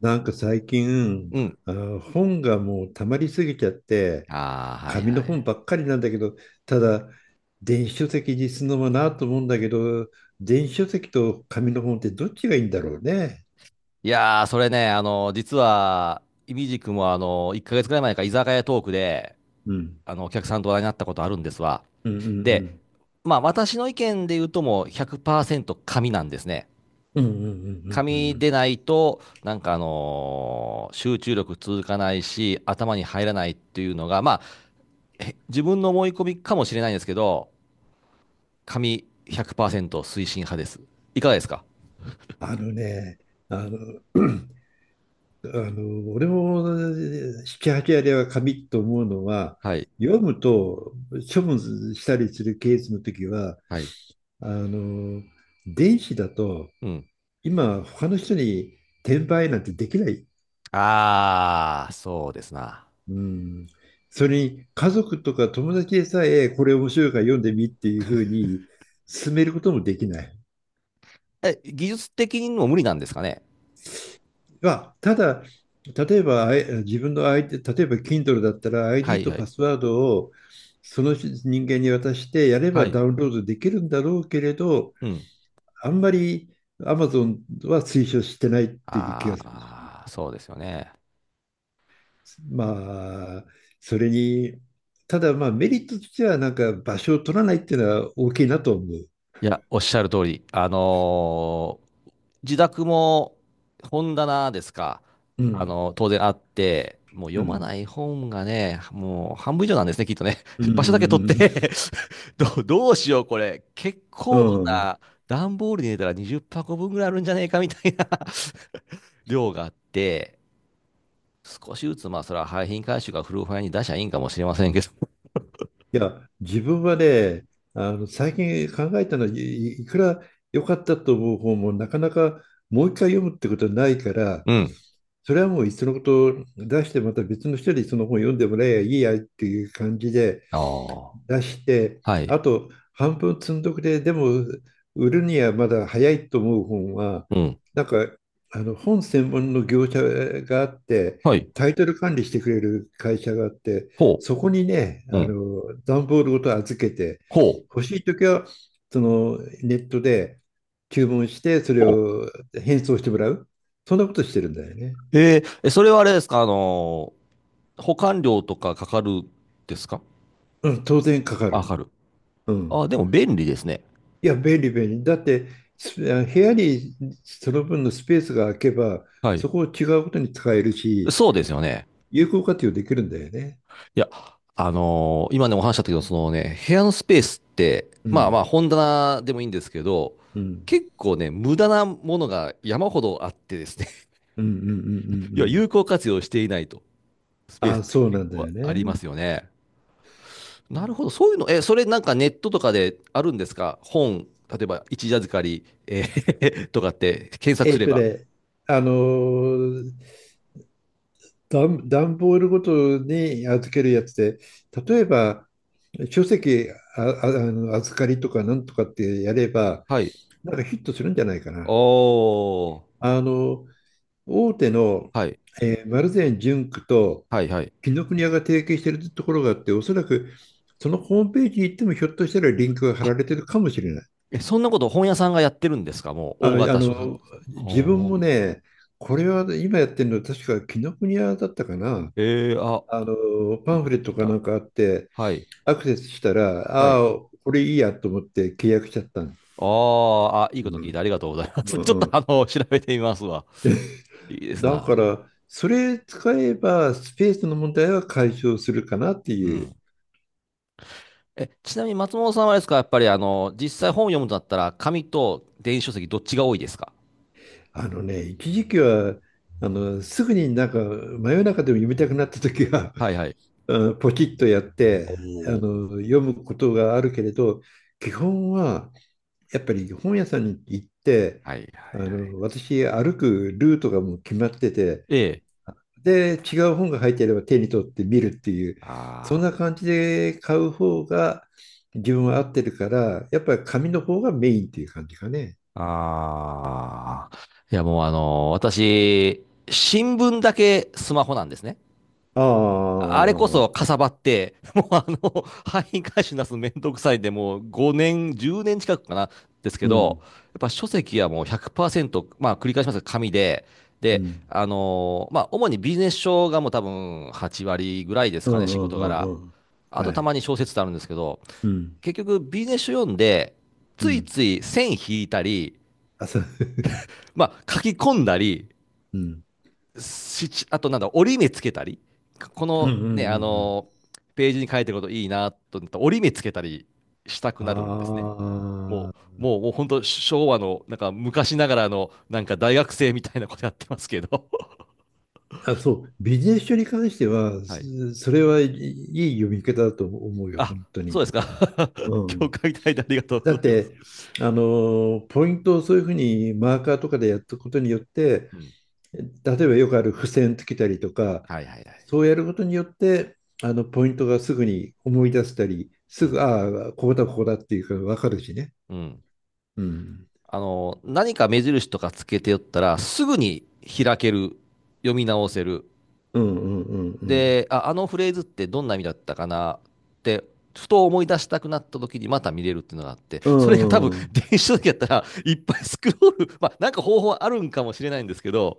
なんか最近、うん。本がもう溜まりすぎちゃって、ああ、はい紙はの本い。ばっかりなんだけど、ただ、電子書籍にするのもなと思うんだけど、電子書籍と紙の本ってどっちがいいんだろうね。いやー、それね、実は、いみじくも、1ヶ月くらい前か、居酒屋トークで、うん。お客さんと話題になったことあるんですわ。うんうんうで、ん。まあ、私の意見で言うともう100%紙なんですね。うんうんうんうんうんう紙ん。でないと、なんか集中力続かないし、頭に入らないっていうのが、まあ、自分の思い込みかもしれないんですけど、紙100%推進派です。いかがですか？あのね、あの、あの俺も7、8割は紙と思うのは、はい。読むと処分したりするケースの時は、はい。あの、電子だと、うん。今、他の人に転売なんてできない。ああ、そうですな。うん。それに、家族とか友達でさえ、これ面白いから読んでみっていうふうに勧めることもできない。え、技術的にも無理なんですかね。まあ、ただ、例えば、自分の ID、例えば Kindle だったら は ID いとはパい。スワードをその人間に渡してやれはばダい。ウンロードできるんだろうけれど、うん。あんまり Amazon は推奨してないっていう気がするし。ああ、そうですよね。まあ、それに、ただまあメリットとしてはなんか場所を取らないっていうのは大きいなと思う。いや、おっしゃる通り。自宅も本棚ですか。うん。当然あって、もうう読まん。ない本がね、もう半分以上なんですね、きっとね。う 場所だけ取っん。て。 どうしよう、これ。結う構ん。な、段ボールに入れたら20箱分ぐらいあるんじゃねえかみたいな 量があって、少しずつ、まあ、それは廃品回収がフルファイに出しゃいいんかもしれませんけど。いや、自分はね、あの最近考えたのはいくら良かったと思う本もなかなかもう一回読むってことはないから、うん。それはもういっそのこと出してまた別の人にその本読んでもらえばいいやっていう感じで、ああ。出して、はい。あと半分積んどくれ、でも売るにはまだ早いと思う本は、うん。なんかあの本専門の業者があって、はい。タイトル管理してくれる会社があって、ほそこにね、う。あうん。の段ボールごと預けて、ほう。欲しいときはそのネットで注文して、それほを返送してもらう。そんなことしてるんだよね。う。えーえ、それはあれですか？保管料とかかかるですか？うん、当然かかあ、かる。かる。うん。あ、でも便利ですね。いや、便利便利。だって、す部屋にその分のスペースが空けば、はい。そこを違うことに使えるし、そうですよね。有効活用できるんだよね。いや、今ね、お話ししたけど、そのね、部屋のスペースって、うまあまん、あ、本棚でもいいんですけど、うん、結構ね、無駄なものが山ほどあってですね、うん、うん、うん、う んういや、ん。有効活用していないと。スペースっあ、てそう結なんだ構よありまね。すよね。なるほど、そういうの、え、それなんかネットとかであるんですか？本、例えば一時預かり、とかって検索すれば。ね、あのー、段ボールごとに預けるやつで、例えば、書籍あの預かりとかなんとかってやれば、はい。なんかヒットするんじゃないかな。おー。あの、大手の、はい。丸善純駆とはい、はい。紀ノ国屋が提携しているところがあって、おそらくそのホームページに行ってもひょっとしたらリンクが貼あ、られてるかもしれない。え、そんなこと本屋さんがやってるんですか？もあ、う大あ型書店。の自分はもあね、これは今やってるの確か紀ノ国屋だったかな。あ、あのいパいンフこレとッ聞トいかなた。んかあってはい。アクセスしたら、はあい。あ、これいいやと思って契約しちゃったの。あー、あ、いいことう聞いんた。ありがとうございます。うんちょっうとん、調べてみますわ。いいですだな。から、それ使えばスペースの問題は解消するかなってういう。ん。え、ちなみに松本さんはあれですか、やっぱり実際本を読むとなったら、紙と電子書籍どっちが多いですか？あのね、一時期はあのすぐになんか真夜中でも読みたくなった時は はいはい。あ、ポチッとやっておあおの読むことがあるけれど、基本はやっぱり本屋さんに行って、はいはあいはい。の私歩くルートがもう決まってて、ええ。で違う本が入っていれば手に取って見るっていう、そんなあ感じで買う方が自分は合ってるから、やっぱり紙の方がメインっていう感じかね。あ。ああ。いや、もう私、新聞だけスマホなんですね。ああれこあ、そかさばって、もう廃品回収なすめんどくさいんで、もう5年、10年近くかな、ですけうど、ん、やっぱ書籍はもう100%、まあ繰り返しますが紙で、うん。まあ主にビジネス書がもう多分8割ぐらいですうんかね、う仕事んう柄。んうん。あとはたい。まに小説ってあるんですけど、うん。結局ビジネス書読んで、うついん。つい線引いたり、あ、そう。まあ書き込んだり、うん。しちあとなんだ、折り目つけたり、こうんうのんうんうね、あん。のページに書いてることいいなと思ったら折り目つけたりしたくなるんですね。もあう、もう、もう本当昭和の、なんか昔ながらの、なんか大学生みたいなことやってますけど。ーあ、そう、ビジネス書に関しては、はい。それはいい読み方だと思うよ、あ、本当そうに。ですか。う ん。う共ん、感いていただいてありがとうだごっざいます。て、あの、ポイントをそういうふうにマーカーとかでやったことによって、うん。例えばよくある付箋つけたりとか、はいはいはい。そうやることによって、あの、ポイントがすぐに思い出せたり、うすぐ、ん。ああ、ここだ、ここだっていうか分かるしね。うん。うん。何か目印とかつけておったら、すぐに開ける、読み直せる、うんうんうんうん。で、あ、あのフレーズってどんな意味だったかなって、ふと思い出したくなった時にまた見れるっていうのがあって、うそれが多ん分 う ん。電子書籍やったらいっぱいスクロール、まあなんか方法あるんかもしれないんですけど、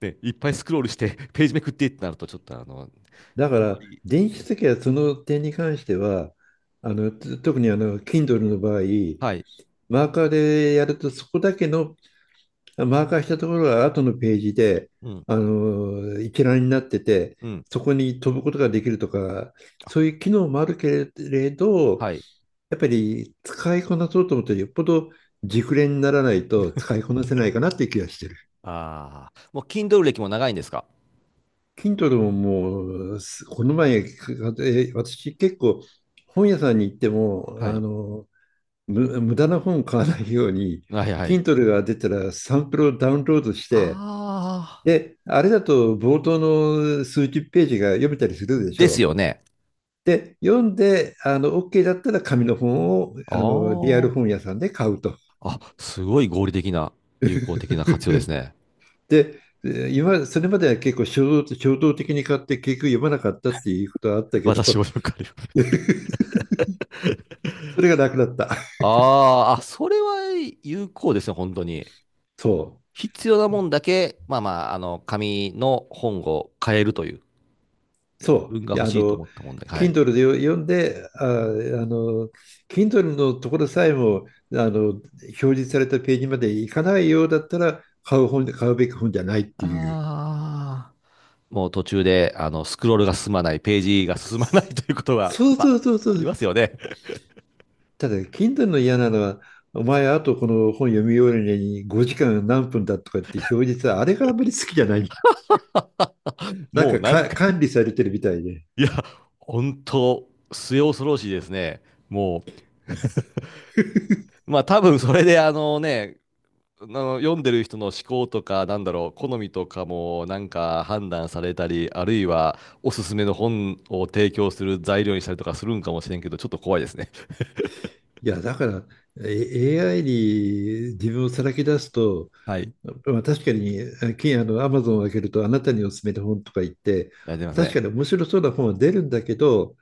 ね、いっぱいスクロールしてページめくってってなるとちょっとだかあんまら、り、電子書ね、籍はその点に関しては、あの、特にあの、Kindle の場合、はい、マーカーでやると、そこだけの、マーカーしたところが後のページで、うん、あの、一覧になってて、うん、そこに飛ぶことができるとか、あ、そういう機能もあるけれど、はい、やっぱり使いこなそうと思ったら、よっぽど熟練にならないと使いこなせないかなっていう気がして、 ああ、もう Kindle 歴も長いんですか？ Kindle ももう、この前、私結構本屋さんに行っても、はあい。の、無駄な本を買わないように、はいはい。Kindle が出たらサンプルをダウンロードして、ああ、で、あれだと冒頭の数十ページが読めたりするでしでょすう。よね。で、読んで、あの、OK だったら紙の本を、あの、リアあルあ、本屋さんで買うと。あ、すごい合理的な、有効的な活用です ね。で、今、それまでは結構衝動的に買って結局読まなかったっていうことはあったけど、私もよくある。それが楽だった。あーあ、それは有効ですね、本当に。そう。必要なもんだけ、まあまあ、紙の本を変えるという、自そう。分がい欲や、あしいとの、思ったもんで、はい。Kindle で読んで、あ、あの、Kindle のところさえも、あの、表示されたページまで行かないようだったら、買うべき本じゃないっていう。ああ、もう途中で、スクロールが進まない、ページが進まない ということが、そうまあ、そうそうそありう。ますよね。ただ、Kindle の嫌なのは、お前、あとこの本読み終わるのに5時間何分だとかって表示さ、あれがあんまり好きじゃない。なんもうかなんかか、管理されてるみたいで。いや、本当末恐ろしいですね。も う、まあ多分それで、あのね、あの読んでる人の思考とか、なんだろう、好みとかもなんか判断されたり、あるいはおすすめの本を提供する材料にしたりとかするんかもしれんけど、ちょっと怖いですね。いや、だから、AI に自分をさらけ出すと、はい。まあ、確かに、あの、アマゾンを開けると、あなたにおすすめの本とか言って、やってます確ね。かに面白そうな本は出るんだけど、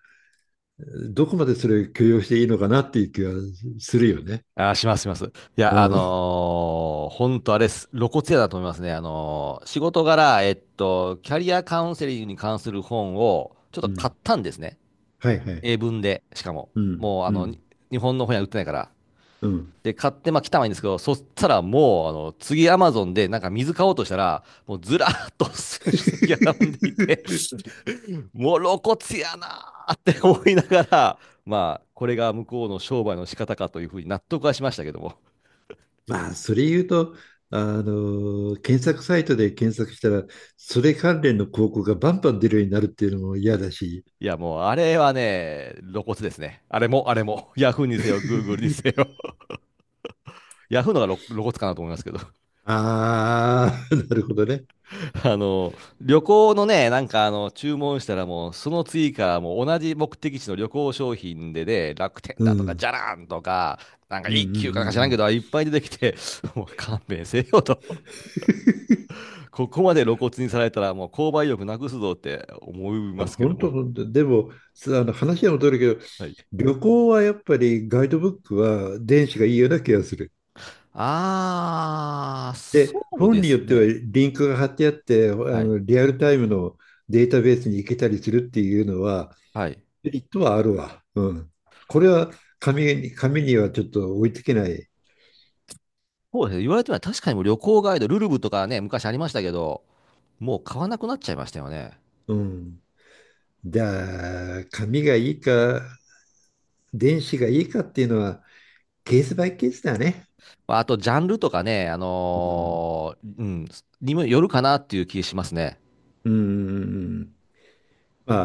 どこまでそれを許容していいのかなっていう気はするよね。あー、します、します。いや、うん。本当あれっす、露骨やだと思いますね。仕事柄、キャリアカウンセリングに関する本をちょっとう買ん。ったんですね。はいはい。英文で、しかも。うん。もう、うん。日本の本屋売ってないから。うん。で、買って、まあ、来たはいいんですけど、そしたらもう、次、アマゾンで、なんか水買おうとしたら、もうずらーっと 書籍が並んでいて、もう露骨やなーって思いながら、まあ、これが向こうの商売の仕方かというふうに納得はしましたけども。まあ、それ言うと、あの、検索サイトで検索したら、それ関連の広告がバンバン出るようになるっていうのも嫌だし。いや、もう、あれはね、露骨ですね。あれも、あれも。ヤフーにせよ、グーグルにせ よ。ヤフーのが露骨かなと思いますけど。ああ、なるほどね。旅行のね、なんか注文したらもう、その追加、もう同じ目的地の旅行商品でね、楽天うだとか、じん。ゃらんとか、なんかうんうん一う休かなんか知んらうんん。けど、いいっぱい出てきて、もう勘弁せよと。ここまで露骨にされたら、もう購買意欲なくすぞって思いまや、すけど本当も。本当。でも、あの話は戻るけど、はい。旅行はやっぱりガイドブックは電子がいいような気がする。あー、で、そう本でによっすてはね。リンクが貼ってあって、あはい。のリアルタイムのデータベースに行けたりするっていうのは、はい。メリットはあるわ。うん。これは紙にはちょっと追いつけない。そうですね。言われてみれば確かにもう旅行ガイド、ルルブとかね、昔ありましたけど、もう買わなくなっちゃいましたよね。うん。じゃあ、紙がいいか、電子がいいかっていうのは、ケースバイケースだね。まあと、ジャンルとかね、うん。うん、にもよるかなっていう気しますね。うんうんうん。ま